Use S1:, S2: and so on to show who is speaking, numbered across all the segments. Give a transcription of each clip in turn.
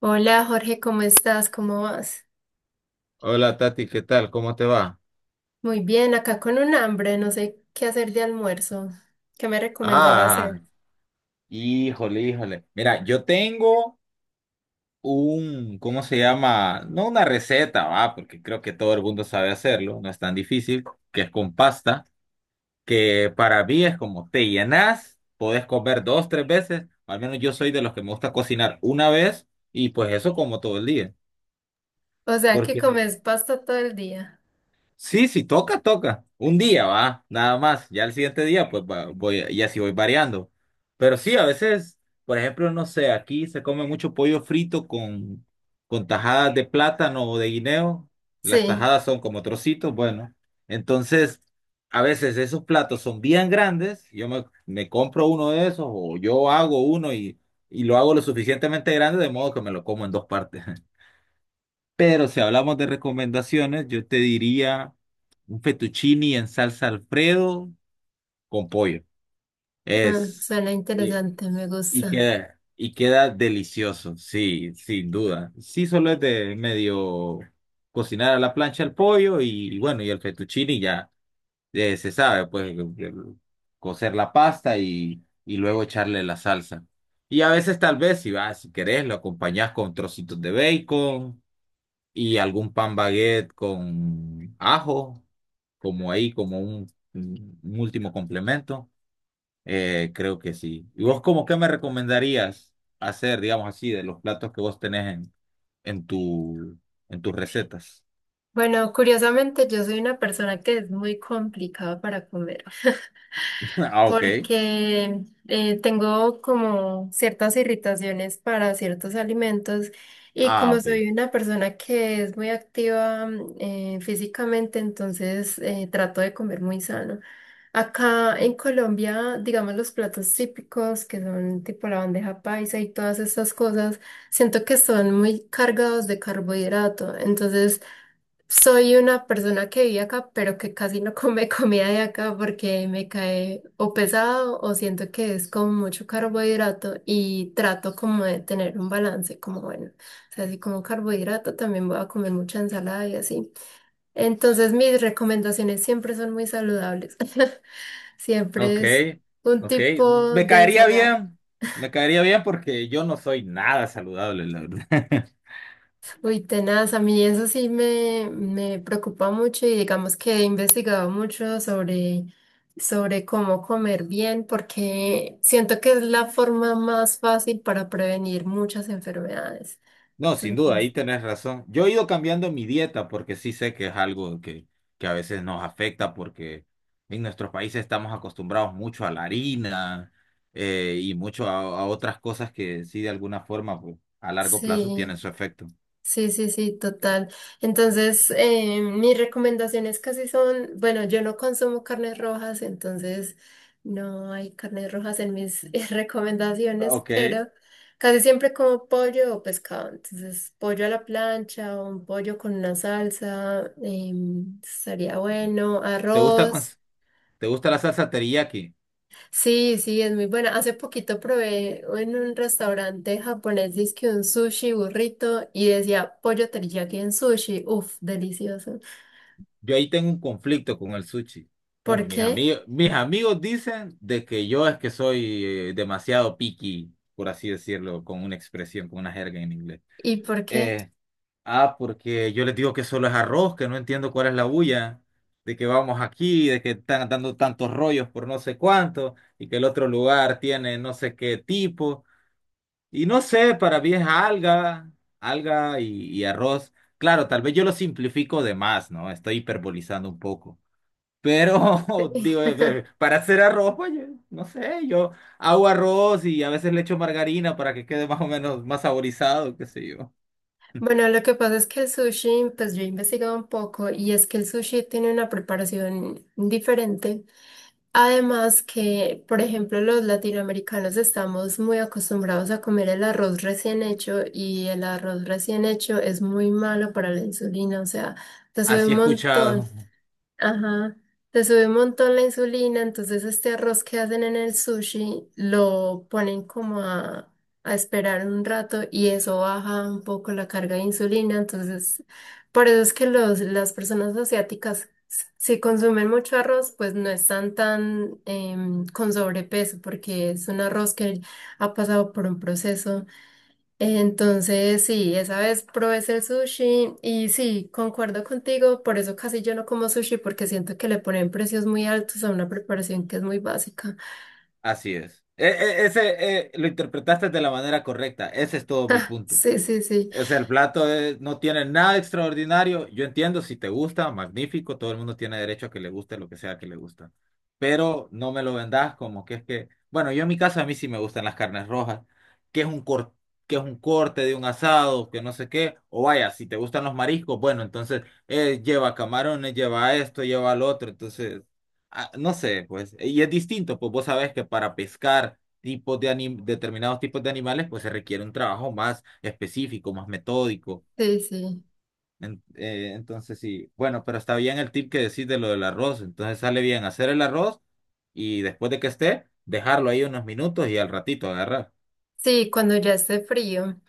S1: Hola Jorge, ¿cómo estás? ¿Cómo vas?
S2: Hola Tati, ¿qué tal? ¿Cómo te va?
S1: Muy bien, acá con un hambre, no sé qué hacer de almuerzo. ¿Qué me recomiendas
S2: Ah,
S1: hacer?
S2: híjole, híjole. Mira, yo tengo un, ¿cómo se llama? No una receta, va, porque creo que todo el mundo sabe hacerlo, no es tan difícil, que es con pasta, que para mí es como te llenas, podés comer dos, tres veces, al menos yo soy de los que me gusta cocinar una vez y pues eso como todo el día,
S1: O sea, ¿que
S2: porque
S1: comes pasta todo el día?
S2: Sí, sí, toca, toca. Un día va, nada más. Ya el siguiente día, pues voy, y así voy variando. Pero sí, a veces, por ejemplo, no sé, aquí se come mucho pollo frito con tajadas de plátano o de guineo. Las
S1: Sí,
S2: tajadas son como trocitos, bueno. Entonces, a veces esos platos son bien grandes. Yo me compro uno de esos o yo hago uno y lo hago lo suficientemente grande de modo que me lo como en dos partes. Pero si hablamos de recomendaciones, yo te diría un fettuccini en salsa Alfredo con pollo.
S1: ah,
S2: Es
S1: suena
S2: y,
S1: interesante, me
S2: y
S1: gusta.
S2: queda y queda delicioso, sí, sin duda. Sí, solo es de medio cocinar a la plancha el pollo y bueno, y el fettuccini ya se sabe, pues cocer la pasta y luego echarle la salsa. Y a veces tal vez si vas, si querés, lo acompañás con trocitos de bacon y algún pan baguette con ajo, como ahí, como un último complemento. Creo que sí. ¿Y vos como qué me recomendarías hacer, digamos así, de los platos que vos tenés en tu, en tus recetas?
S1: Bueno, curiosamente yo soy una persona que es muy complicada para comer.
S2: Ah, ok.
S1: Porque tengo como ciertas irritaciones para ciertos alimentos y
S2: Ah,
S1: como
S2: ok.
S1: soy una persona que es muy activa físicamente, entonces trato de comer muy sano. Acá en Colombia, digamos los platos típicos que son tipo la bandeja paisa y todas estas cosas, siento que son muy cargados de carbohidrato, entonces soy una persona que vive acá, pero que casi no come comida de acá porque me cae o pesado o siento que es como mucho carbohidrato y trato como de tener un balance, como bueno, o sea, si como carbohidrato también voy a comer mucha ensalada y así. Entonces mis recomendaciones siempre son muy saludables.
S2: Ok.
S1: Siempre es un
S2: Ok.
S1: tipo
S2: Me
S1: de
S2: caería
S1: ensalada.
S2: bien. Me caería bien porque yo no soy nada saludable, la verdad.
S1: Uy, tenaz, a mí eso sí me preocupa mucho y digamos que he investigado mucho sobre cómo comer bien porque siento que es la forma más fácil para prevenir muchas enfermedades.
S2: No, sin duda,
S1: Entonces,
S2: ahí tenés razón. Yo he ido cambiando mi dieta porque sí sé que es algo que a veces nos afecta porque en nuestros países estamos acostumbrados mucho a la harina y mucho a otras cosas que sí de alguna forma pues, a largo plazo
S1: sí.
S2: tienen su efecto.
S1: Sí, sí, sí, total. Entonces, mis recomendaciones casi son, bueno, yo no consumo carnes rojas, entonces no hay carnes rojas en mis recomendaciones,
S2: Ok.
S1: pero casi siempre como pollo o pescado. Entonces, pollo a la plancha o un pollo con una salsa, estaría bueno,
S2: ¿Te gusta,
S1: arroz.
S2: te gusta la salsa teriyaki?
S1: Sí, sí, es muy buena. Hace poquito probé en un restaurante japonés, dizque un sushi burrito y decía pollo teriyaki en sushi. Uf, delicioso.
S2: Yo ahí tengo un conflicto con el sushi.
S1: ¿Por
S2: Bueno, mis
S1: qué?
S2: amigos, mis amigos dicen de que yo es que soy demasiado picky, por así decirlo, con una expresión, con una jerga en inglés.
S1: ¿Y por qué?
S2: Eh, porque yo les digo que solo es arroz, que no entiendo cuál es la bulla, de que vamos aquí, de que están dando tantos rollos por no sé cuánto, y que el otro lugar tiene no sé qué tipo, y no sé, para mí es alga, alga y arroz. Claro, tal vez yo lo simplifico de más, ¿no? Estoy hiperbolizando un poco. Pero, digo, para hacer arroz, oye, no sé, yo hago arroz y a veces le echo margarina para que quede más o menos más saborizado, qué sé yo. Mm.
S1: Bueno, lo que pasa es que el sushi, pues yo he investigado un poco y es que el sushi tiene una preparación diferente. Además que, por ejemplo, los latinoamericanos estamos muy acostumbrados a comer el arroz recién hecho y el arroz recién hecho es muy malo para la insulina, o sea, te sube un
S2: Así he
S1: montón.
S2: escuchado,
S1: Ajá, te sube un montón la insulina, entonces este arroz que hacen en el sushi lo ponen como a esperar un rato y eso baja un poco la carga de insulina, entonces por eso es que las personas asiáticas, si consumen mucho arroz, pues no están tan con sobrepeso porque es un arroz que ha pasado por un proceso, entonces, sí, esa vez probé el sushi y sí, concuerdo contigo, por eso casi yo no como sushi porque siento que le ponen precios muy altos a una preparación que es muy básica.
S2: así es. Ese lo interpretaste de la manera correcta, ese es todo mi punto.
S1: Sí, sí, sí,
S2: Es el plato no tiene nada extraordinario. Yo entiendo si te gusta, magnífico, todo el mundo tiene derecho a que le guste lo que sea que le gusta. Pero no me lo vendas como que es que, bueno, yo en mi casa a mí sí me gustan las carnes rojas, que es un cor- que es un corte de un asado, que no sé qué, o vaya, si te gustan los mariscos, bueno, entonces lleva camarones, lleva esto, lleva lo otro, entonces no sé, pues, y es distinto, pues vos sabés que para pescar determinados tipos de animales, pues se requiere un trabajo más específico, más metódico.
S1: sí, sí.
S2: Entonces sí, bueno, pero está bien el tip que decís de lo del arroz. Entonces sale bien hacer el arroz y después de que esté, dejarlo ahí unos minutos y al ratito agarrar.
S1: Sí, cuando ya esté frío.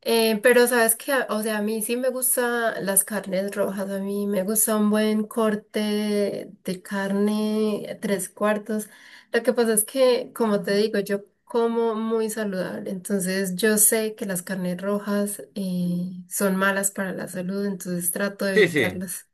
S1: Pero sabes que, o sea, a mí sí me gustan las carnes rojas, a mí me gusta un buen corte de carne tres cuartos. Lo que pasa es que, como te digo, yo como muy saludable, entonces yo sé que las carnes rojas son malas para la salud, entonces trato de
S2: Sí, sí,
S1: evitarlas.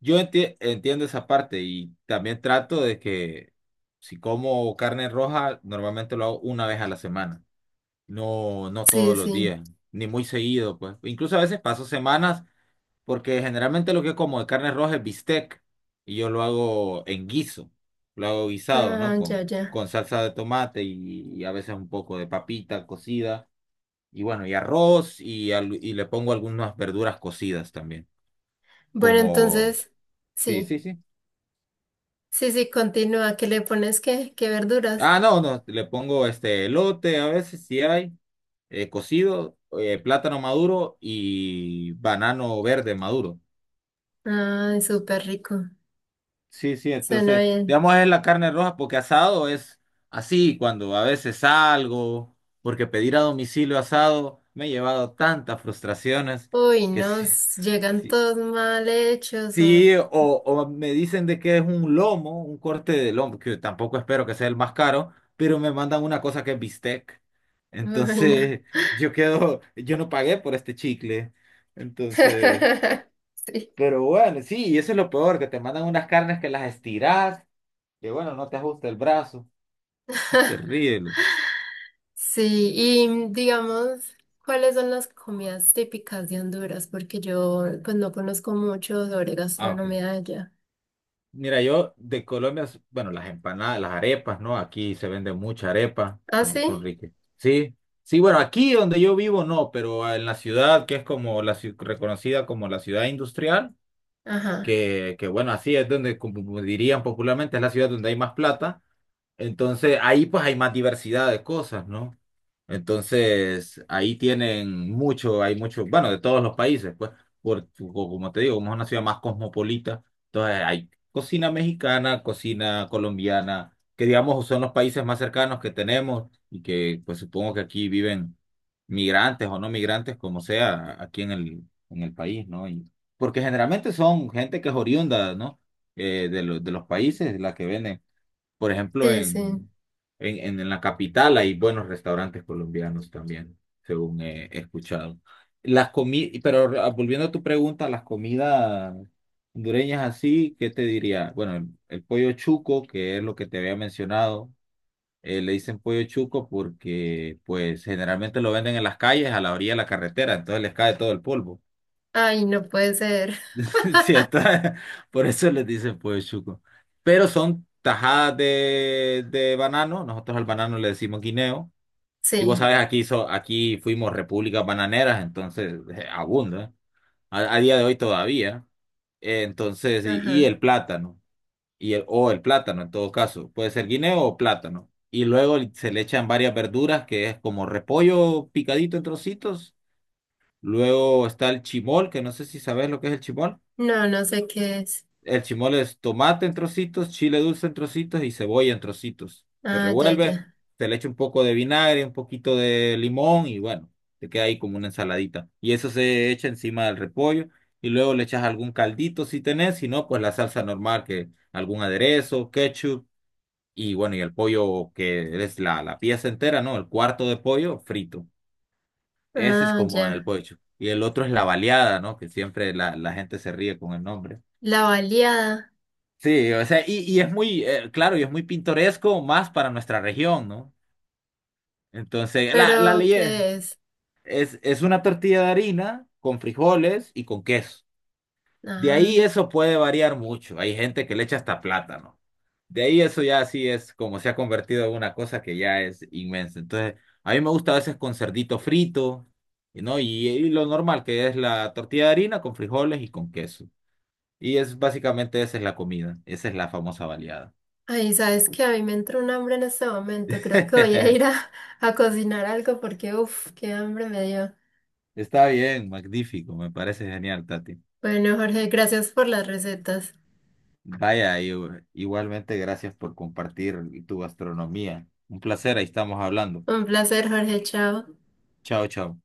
S2: yo entiendo esa parte y también trato de que si como carne roja, normalmente lo hago una vez a la semana, no, no
S1: Sí,
S2: todos los
S1: sí.
S2: días, ni muy seguido, pues. Incluso a veces paso semanas Porque generalmente lo que como de carne roja es bistec y yo lo hago en guiso, lo hago guisado, ¿no?
S1: Ah, ya, ya.
S2: Con salsa de tomate y a veces un poco de papita cocida y bueno, y arroz y, y le pongo algunas verduras cocidas también,
S1: Bueno,
S2: como...
S1: entonces,
S2: Sí,
S1: sí,
S2: sí, sí.
S1: sí, sí, continúa. ¿Qué le pones qué? ¿Qué verduras?
S2: Ah, no, no, le pongo este elote a veces si hay, cocido, plátano maduro y banano verde maduro.
S1: Ay, súper rico.
S2: Sí, sí,
S1: Suena
S2: entonces,
S1: bien.
S2: digamos es la carne roja porque asado es así cuando a veces salgo, porque pedir a domicilio asado me ha llevado tantas frustraciones
S1: Uy,
S2: que sí,
S1: nos llegan
S2: sí,
S1: todos mal hechos o...
S2: sí, o me dicen de que es un lomo, un corte de lomo, que tampoco espero que sea el más caro, pero me mandan una cosa que es bistec.
S1: Ay, no.
S2: Entonces, yo quedo, yo no pagué por este chicle. Entonces,
S1: Sí.
S2: pero bueno, sí, y eso es lo peor, que te mandan unas carnes que las estirás que bueno, no te ajusta el brazo. Es terrible.
S1: Sí, y digamos, ¿cuáles son las comidas típicas de Honduras? Porque yo pues no conozco mucho sobre
S2: Ah, ok.
S1: gastronomía de allá.
S2: Mira, yo de Colombia, bueno, las empanadas, las arepas, ¿no? Aquí se vende mucha arepa,
S1: ¿Ah,
S2: son, son
S1: sí?
S2: ricas. Sí, sí, bueno, aquí donde yo vivo no, pero en la ciudad, que es como la reconocida como la ciudad industrial,
S1: Ajá.
S2: que bueno, así es donde, como dirían popularmente, es la ciudad donde hay más plata. Entonces, ahí pues hay más diversidad de cosas, ¿no? Entonces, ahí tienen mucho, hay mucho, bueno, de todos los países, pues, por, o como te digo, como es una ciudad más cosmopolita, entonces hay cocina mexicana, cocina colombiana, que digamos son los países más cercanos que tenemos y que pues supongo que aquí viven migrantes o no migrantes, como sea, aquí en el país, ¿no? Y, porque generalmente son gente que es oriunda, ¿no? De, de los países, la que venden por ejemplo,
S1: Sí, sí.
S2: en, en la capital hay buenos restaurantes colombianos también, según he, he escuchado. Las comi pero volviendo a tu pregunta, las comidas hondureñas así, ¿qué te diría? Bueno, el pollo chuco, que es lo que te había mencionado, le dicen pollo chuco porque pues generalmente lo venden en las calles, a la orilla de la carretera, entonces les cae todo el polvo.
S1: Ay, no puede ser.
S2: Sí, por eso les dicen pues chuco. Pero son tajadas de banano. Nosotros al banano le decimos guineo. Y vos
S1: Sí.
S2: sabés, aquí, aquí fuimos repúblicas bananeras, entonces abunda. ¿Eh? A día de hoy todavía. Entonces, y el
S1: Ajá.
S2: plátano. Y el, o el plátano en todo caso. Puede ser guineo o plátano. Y luego se le echan varias verduras, que es como repollo picadito en trocitos. Luego está el chimol, que no sé si sabés lo que es el chimol.
S1: No, no sé qué es.
S2: El chimole es tomate en trocitos, chile dulce en trocitos y cebolla en trocitos. Se
S1: Ah, ya,
S2: revuelve,
S1: ya.
S2: se le echa un poco de vinagre, un poquito de limón y bueno, te queda ahí como una ensaladita. Y eso se echa encima del repollo y luego le echas algún caldito si tenés, si no, pues la salsa normal, que algún aderezo, ketchup y bueno, y el pollo que es la, la pieza entera, ¿no? El cuarto de pollo frito. Ese es
S1: Ah,
S2: como el
S1: ya.
S2: pollo. Y el otro es la baleada, ¿no? Que siempre la, la gente se ríe con el nombre.
S1: La baleada.
S2: Sí, o sea, y es muy, claro, y es muy pintoresco más para nuestra región, ¿no? Entonces, la
S1: ¿Pero
S2: ley es,
S1: qué es?
S2: es una tortilla de harina con frijoles y con queso. De
S1: Ah.
S2: ahí eso puede variar mucho. Hay gente que le echa hasta plátano. De ahí eso ya sí es como se ha convertido en una cosa que ya es inmensa. Entonces, a mí me gusta a veces con cerdito frito, ¿no? Y lo normal que es la tortilla de harina con frijoles y con queso. Y es básicamente esa es la comida, esa es la famosa baleada.
S1: Ay, sabes que a mí me entró un hambre en este momento. Creo que voy a ir a, a cocinar algo porque, uff, qué hambre me dio.
S2: Está bien, magnífico, me parece genial, Tati.
S1: Bueno, Jorge, gracias por las recetas.
S2: Vaya, igualmente gracias por compartir tu gastronomía. Un placer, ahí estamos hablando.
S1: Un placer, Jorge, chao.
S2: Chao, chao.